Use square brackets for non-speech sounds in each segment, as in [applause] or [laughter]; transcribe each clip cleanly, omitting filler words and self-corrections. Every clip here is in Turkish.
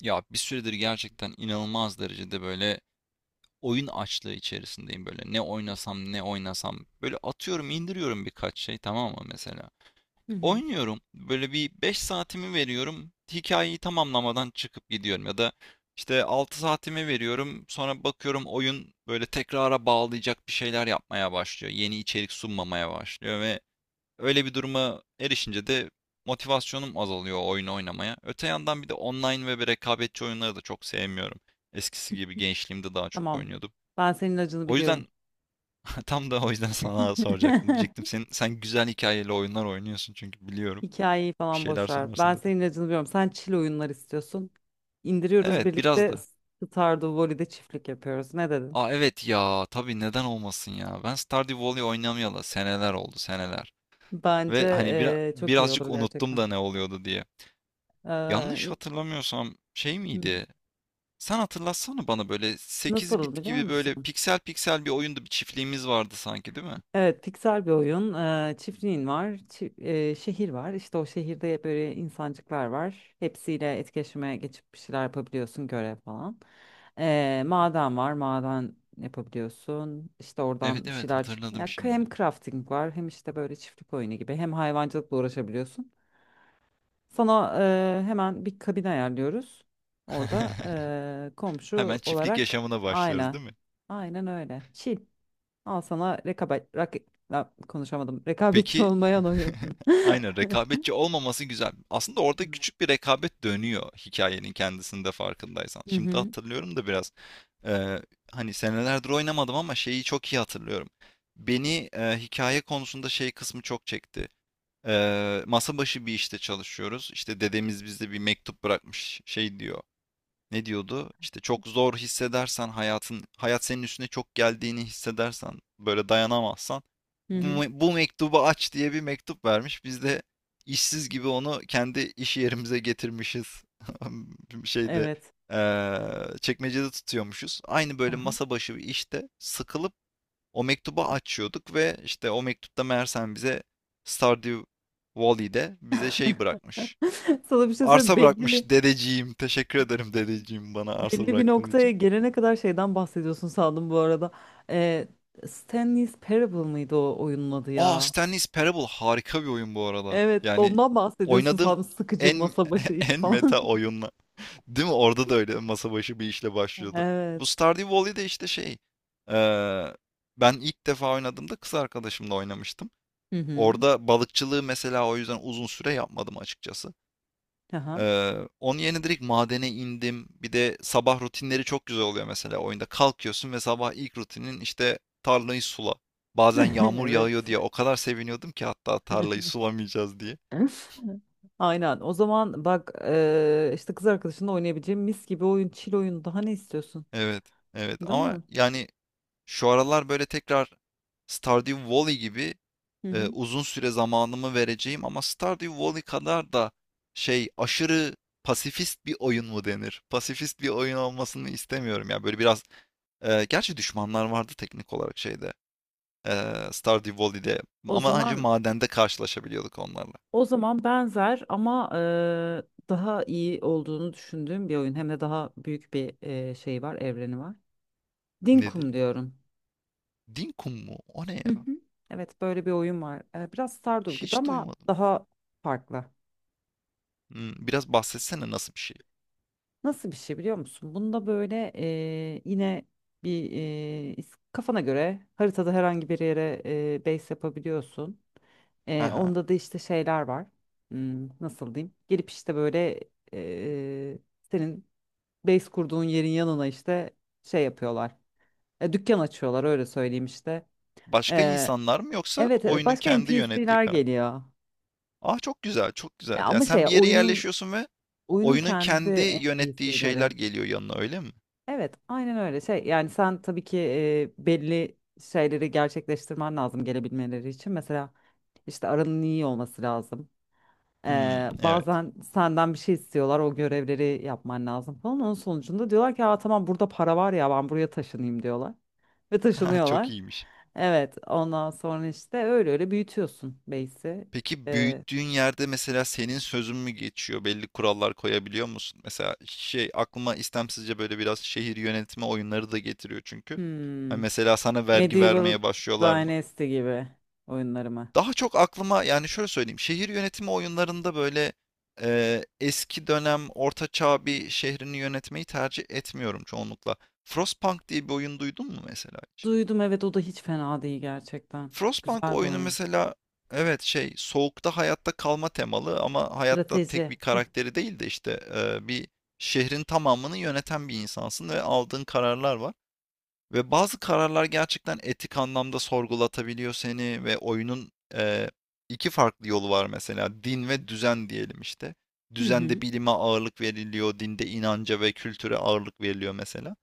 Ya bir süredir gerçekten inanılmaz derecede böyle oyun açlığı içerisindeyim böyle. Ne oynasam ne oynasam böyle atıyorum indiriyorum birkaç şey tamam mı mesela. Hı hı. Oynuyorum böyle bir 5 saatimi veriyorum hikayeyi tamamlamadan çıkıp gidiyorum ya da işte 6 saatimi veriyorum sonra bakıyorum oyun böyle tekrara bağlayacak bir şeyler yapmaya başlıyor. Yeni içerik sunmamaya başlıyor ve öyle bir duruma erişince de motivasyonum azalıyor o oyunu oynamaya. Öte yandan bir de online ve bir rekabetçi oyunları da çok sevmiyorum. Eskisi gibi gençliğimde daha çok Tamam. oynuyordum. Ben senin acını O yüzden biliyorum. [laughs] tam da o yüzden sana soracaktım. Diyecektim [laughs] sen güzel hikayeli oyunlar oynuyorsun çünkü biliyorum. Hikayeyi Bir falan şeyler boş ver. sorarsın Ben dedim. senin acını biliyorum. Sen chill oyunlar istiyorsun. İndiriyoruz Evet biraz birlikte da. Stardew Valley'de çiftlik yapıyoruz. Ne dedin? Aa, evet ya, tabii neden olmasın ya. Ben Stardew Valley oynamayalı seneler oldu, seneler. Bence Ve hani çok iyi birazcık olur unuttum gerçekten. da ne oluyordu diye. Yanlış Eee, hatırlamıyorsam şey hı. miydi? Sen hatırlatsana bana böyle 8 Nasıl bit biliyor gibi böyle musun? piksel piksel bir oyunda bir çiftliğimiz vardı sanki, değil mi? Evet, piksel bir oyun. Çiftliğin var, şehir var. İşte o şehirde böyle insancıklar var. Hepsiyle etkileşime geçip bir şeyler yapabiliyorsun, görev falan. Maden var, maden yapabiliyorsun. İşte Evet, oradan bir evet, şeyler çık. hatırladım Ya şimdi. hem crafting var, hem işte böyle çiftlik oyunu gibi, hem hayvancılıkla uğraşabiliyorsun. Sana hemen bir kabin ayarlıyoruz. Orada [laughs] Hemen komşu çiftlik olarak yaşamına başlıyoruz aynen, değil mi? aynen öyle. Chill. Al sana rekabet, rak, la- konuşamadım. [laughs] Rekabetçi Peki, olmayan oyun. [laughs] aynen, [laughs] rekabetçi olmaması güzel. Aslında orada Evet. küçük bir rekabet dönüyor hikayenin kendisinde, farkındaysan. Hı Şimdi hı. hatırlıyorum da biraz, eee, hani senelerdir oynamadım ama şeyi çok iyi hatırlıyorum. Beni hikaye konusunda şey kısmı çok çekti. Masa başı bir işte çalışıyoruz. İşte dedemiz bize bir mektup bırakmış. Şey diyor. Ne diyordu? İşte çok zor hissedersen hayatın, hayat senin üstüne çok geldiğini hissedersen, böyle dayanamazsan Hı bu, hı. Bu mektubu aç diye bir mektup vermiş. Biz de işsiz gibi onu kendi iş yerimize getirmişiz. [laughs] Şeyde Evet. Çekmecede tutuyormuşuz. Aynı böyle Aha. masa başı bir işte sıkılıp o mektubu açıyorduk ve işte o mektupta meğersem bize Stardew Valley'de bize şey bırakmış. [laughs] Sana bir şey söyleyeyim. Arsa bırakmış dedeciğim. Teşekkür ederim dedeciğim, bana arsa Belli bir bıraktığın noktaya için. gelene kadar şeyden bahsediyorsun sandım bu arada. Ee, Stanley's Parable mıydı o oyunun adı Aa, ya? Stanley's Parable harika bir oyun bu arada. Evet, Yani ondan bahsediyorsun oynadığım sandım. Sıkıcı en masa başı [laughs] iş en meta falan. oyunla. [laughs] Değil mi? Orada da öyle masa başı bir işle [laughs] başlıyordu. Evet. Bu Stardew Valley de işte şey. eee, Ben ilk defa oynadığımda kız arkadaşımla oynamıştım. Hı hı. Orada balıkçılığı mesela o yüzden uzun süre yapmadım açıkçası. Aha. Ee, Onun yerine direkt madene indim. Bir de sabah rutinleri çok güzel oluyor mesela oyunda. Kalkıyorsun ve sabah ilk rutinin işte tarlayı sula. Bazen yağmur [laughs] Evet. yağıyor diye o kadar seviniyordum ki, hatta tarlayı sulamayacağız diye. [laughs] Aynen. O zaman bak işte kız arkadaşınla oynayabileceğim mis gibi oyun, chill oyun. Daha ne istiyorsun? Evet, evet Değil ama mi? yani şu aralar böyle tekrar Stardew Valley gibi Hı hı. uzun süre zamanımı vereceğim ama Stardew Valley kadar da şey, aşırı pasifist bir oyun mu denir? Pasifist bir oyun olmasını istemiyorum ya. Böyle biraz gerçi düşmanlar vardı teknik olarak şeyde, Stardew Valley'de, O ama ancak zaman madende karşılaşabiliyorduk onlarla. o zaman benzer ama daha iyi olduğunu düşündüğüm bir oyun. Hem de daha büyük bir şey var, evreni var. Nedir? Dinkum diyorum. Dinkum mu? O ne Hı ya? hı. Evet, böyle bir oyun var. Biraz Stardew gibi Hiç ama duymadım. daha farklı. Biraz bahsetsene, nasıl bir şey? Nasıl bir şey biliyor musun? Bunda böyle yine kafana göre haritada herhangi bir yere base yapabiliyorsun. He. Onda da işte şeyler var. Hmm, nasıl diyeyim? Gelip işte böyle e, senin base kurduğun yerin yanına işte şey yapıyorlar. Dükkan açıyorlar öyle söyleyeyim işte. Başka E, insanlar mı yoksa Evet evet oyunun başka kendi yönettiği NPC'ler kara. geliyor. A, çok güzel, çok güzel. Yani Ama sen şey bir yere oyunun yerleşiyorsun ve oyunun oyunun kendi kendi yönettiği şeyler NPC'leri. geliyor yanına, öyle mi? Evet, aynen öyle. Şey, yani sen tabii ki belli şeyleri gerçekleştirmen lazım gelebilmeleri için. Mesela işte aranın iyi olması lazım. Hımm, evet. Bazen senden bir şey istiyorlar, o görevleri yapman lazım falan. Onun sonucunda diyorlar ki, aa, tamam burada para var ya ben buraya taşınayım diyorlar. Ve [laughs] Çok taşınıyorlar. iyiymiş. Evet, ondan sonra işte öyle öyle büyütüyorsun base'i. Peki Ee, büyüttüğün yerde mesela senin sözün mü geçiyor? Belli kurallar koyabiliyor musun? Mesela şey aklıma istemsizce böyle biraz şehir yönetimi oyunları da getiriyor çünkü. Hani hmm, mesela sana vergi Medieval vermeye başlıyorlar mı? Dynasty gibi oyunları mı? Daha çok aklıma, yani şöyle söyleyeyim. Şehir yönetimi oyunlarında böyle eski dönem orta çağ bir şehrini yönetmeyi tercih etmiyorum çoğunlukla. Frostpunk diye bir oyun duydun mu mesela hiç? Duydum evet o da hiç fena değil gerçekten. Frostpunk Güzel bir oyunu oyun. mesela, evet, şey, soğukta hayatta kalma temalı ama hayatta tek Strateji. bir karakteri değil de işte bir şehrin tamamını yöneten bir insansın ve aldığın kararlar var. Ve bazı kararlar gerçekten etik anlamda sorgulatabiliyor seni ve oyunun iki farklı yolu var mesela, din ve düzen diyelim işte. Hı hı. Düzende bilime ağırlık veriliyor, dinde inanca ve kültüre ağırlık veriliyor mesela.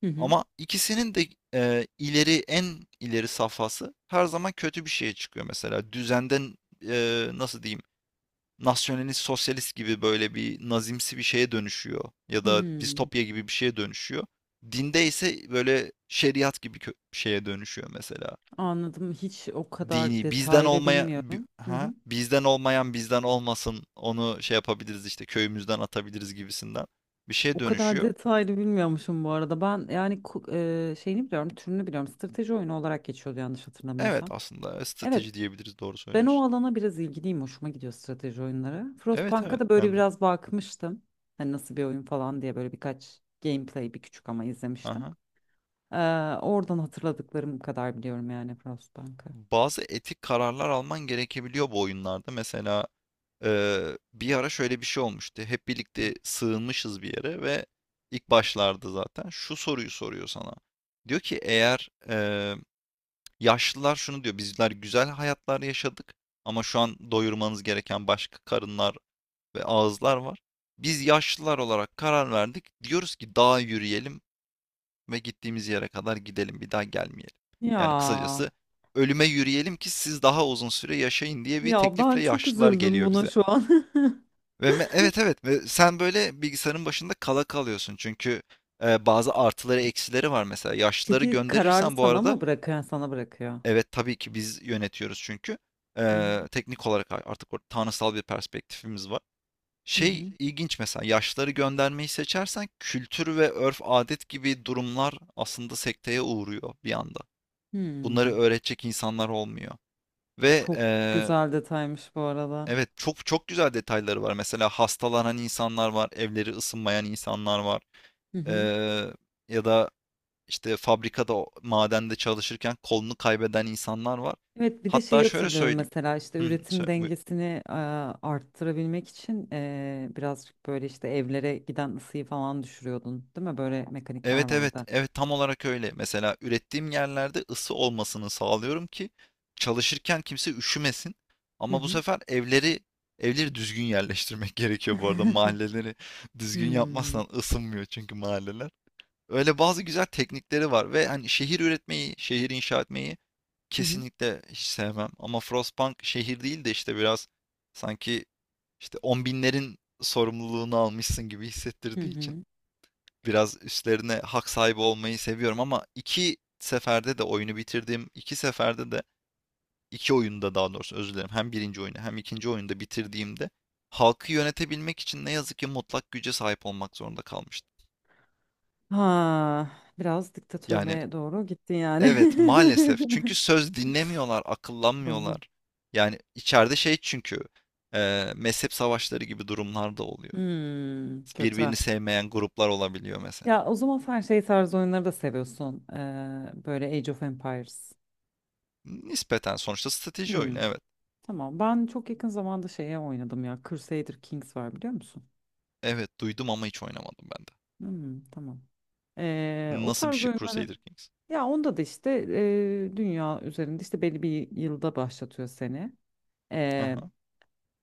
Hı hı. Ama ikisinin de ileri, en ileri safhası her zaman kötü bir şeye çıkıyor mesela. Düzenden, nasıl diyeyim, nasyonalist sosyalist gibi böyle bir nazimsi bir şeye dönüşüyor ya da hı. distopya gibi bir şeye dönüşüyor. Dinde ise böyle şeriat gibi şeye dönüşüyor mesela. Anladım. Hiç o kadar Dini bizden detaylı olmaya bilmiyorum. Hı hı. bizden olmayan bizden olmasın, onu şey yapabiliriz işte, köyümüzden atabiliriz gibisinden bir şeye O kadar [laughs] dönüşüyor. detaylı bilmiyormuşum bu arada. Ben yani şeyini biliyorum, türünü biliyorum. Strateji oyunu olarak geçiyordu yanlış Evet, hatırlamıyorsam. aslında Evet, strateji diyebiliriz, doğru ben o söylüyorsun. alana biraz ilgiliyim. Hoşuma gidiyor strateji oyunları. Evet, Frostpunk'a evet, da böyle ben de. biraz bakmıştım. Hani nasıl bir oyun falan diye böyle birkaç gameplay bir küçük ama izlemiştim. Aha. Ee, oradan hatırladıklarım kadar biliyorum yani Frostbank'ı. Bazı etik kararlar alman gerekebiliyor bu oyunlarda. Mesela bir ara şöyle bir şey olmuştu. Hep Hı. birlikte sığınmışız bir yere ve ilk başlarda zaten şu soruyu soruyor sana. Diyor ki, eğer yaşlılar şunu diyor. Bizler güzel hayatlar yaşadık ama şu an doyurmanız gereken başka karınlar ve ağızlar var. Biz yaşlılar olarak karar verdik. Diyoruz ki dağa yürüyelim ve gittiğimiz yere kadar gidelim, bir daha gelmeyelim. Ya Yani kısacası, ölüme yürüyelim ki siz daha uzun süre yaşayın diye bir ya, ben teklifle çok yaşlılar üzüldüm geliyor buna bize. şu an. [laughs] Ve evet, evet, ve sen böyle bilgisayarın başında kala kalıyorsun çünkü bazı artıları eksileri var mesela. Yaşlıları Peki kararı gönderirsen bu sana arada, mı bırakıyor? Yani sana bırakıyor. evet tabii ki biz yönetiyoruz çünkü Hı hı. Teknik olarak artık orada tanrısal bir perspektifimiz var. Hı Şey hı. ilginç mesela, yaşlıları göndermeyi seçersen kültür ve örf adet gibi durumlar aslında sekteye uğruyor bir anda. Bunları Hmm, öğretecek insanlar olmuyor. Ve çok. Evet, güzel detaymış bu arada. evet, çok çok güzel detayları var. Mesela hastalanan insanlar var, evleri ısınmayan insanlar var. Hı hı. Eee, Ya da işte fabrikada, madende çalışırken kolunu kaybeden insanlar var. Evet bir de şeyi Hatta şöyle hatırlıyorum söyleyeyim. mesela işte Hı, üretim söyle, buyur. dengesini arttırabilmek için birazcık böyle işte evlere giden ısıyı falan düşürüyordun değil mi? Böyle mekanikler Evet, evet, vardı. evet, tam olarak öyle. Mesela ürettiğim yerlerde ısı olmasını sağlıyorum ki çalışırken kimse üşümesin. Hı Ama bu hı. sefer evleri düzgün yerleştirmek [laughs] gerekiyor bu arada. [laughs] Mahalleleri düzgün Hmm. yapmazsan ısınmıyor çünkü mahalleler. Öyle bazı güzel teknikleri var ve hani şehir üretmeyi, şehir inşa etmeyi Hı hı. kesinlikle hiç sevmem. Ama Frostpunk şehir değil de işte biraz sanki işte on binlerin sorumluluğunu almışsın gibi Hı hissettirdiği için hı. biraz üstlerine hak sahibi olmayı seviyorum, ama iki seferde de oyunu bitirdiğim, iki seferde de, iki oyunda daha doğrusu, özür dilerim. Hem birinci oyunu hem ikinci oyunda bitirdiğimde halkı yönetebilmek için ne yazık ki mutlak güce sahip olmak zorunda kalmıştım. Ha, biraz Yani diktatörlüğe doğru gittin yani. evet, maalesef, çünkü [laughs] söz dinlemiyorlar, Anladım. akıllanmıyorlar. Yani içeride şey çünkü, mezhep savaşları gibi durumlar da oluyor. Hmm, kötü. Birbirini sevmeyen gruplar olabiliyor mesela. Ya o zaman sen şey tarzı oyunları da seviyorsun. Böyle Age of Empires. Nispeten sonuçta strateji oyunu, Hmm, evet. tamam. Ben çok yakın zamanda şeye oynadım ya. Crusader Kings var biliyor musun? Evet, duydum ama hiç oynamadım ben de. Hmm, tamam. O Nasıl bir tarz şey oyunları Crusader Kings? ya onda da işte dünya üzerinde işte belli bir yılda başlatıyor seni. Hı Ee, hı.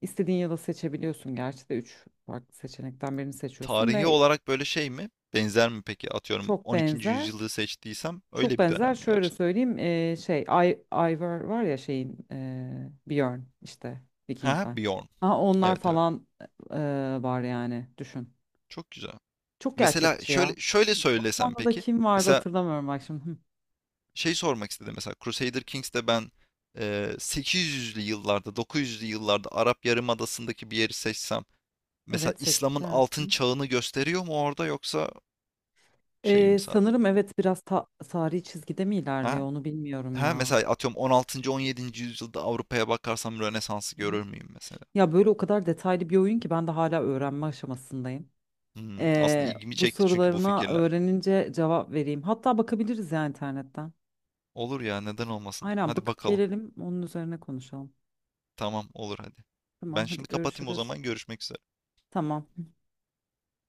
istediğin yılı seçebiliyorsun. Gerçi de üç farklı seçenekten birini seçiyorsun Tarihi ve olarak böyle şey mi? Benzer mi peki? Atıyorum çok 12. benzer. yüzyılı seçtiysem Çok öyle bir benzer dönem mi şöyle gerçekten? söyleyeyim şey Ivar var ya şeyin Björn işte Ha, Vikingler. Bjorn. Ha, onlar Evet, evet. falan e, var yani düşün. Çok güzel. Çok Mesela gerçekçi şöyle ya. şöyle söylesem Osmanlı'da peki. kim vardı Mesela hatırlamıyorum bak şimdi. Hı. şey sormak istedim. Mesela Crusader Kings'te ben 800'lü yıllarda, 900'lü yıllarda Arap Yarımadası'ndaki bir yeri seçsem mesela Evet İslam'ın altın seçersin. çağını gösteriyor mu orada, yoksa şey mi sadece? Sanırım evet biraz ta tarihi çizgide mi Ha. ilerliyor onu bilmiyorum Ha, ya. mesela atıyorum 16. 17. yüzyılda Avrupa'ya bakarsam Rönesans'ı Hı hı. görür müyüm mesela? Ya böyle o kadar detaylı bir oyun ki ben de hala öğrenme aşamasındayım. Aslında ilgimi Bu çekti çünkü bu sorularına fikirler. öğrenince cevap vereyim. Hatta bakabiliriz ya internetten. Olur ya, neden olmasın? Aynen Hadi bakıp bakalım. gelelim onun üzerine konuşalım. Tamam, olur hadi. Tamam Ben hadi şimdi kapatayım, o görüşürüz. zaman görüşmek üzere. Tamam.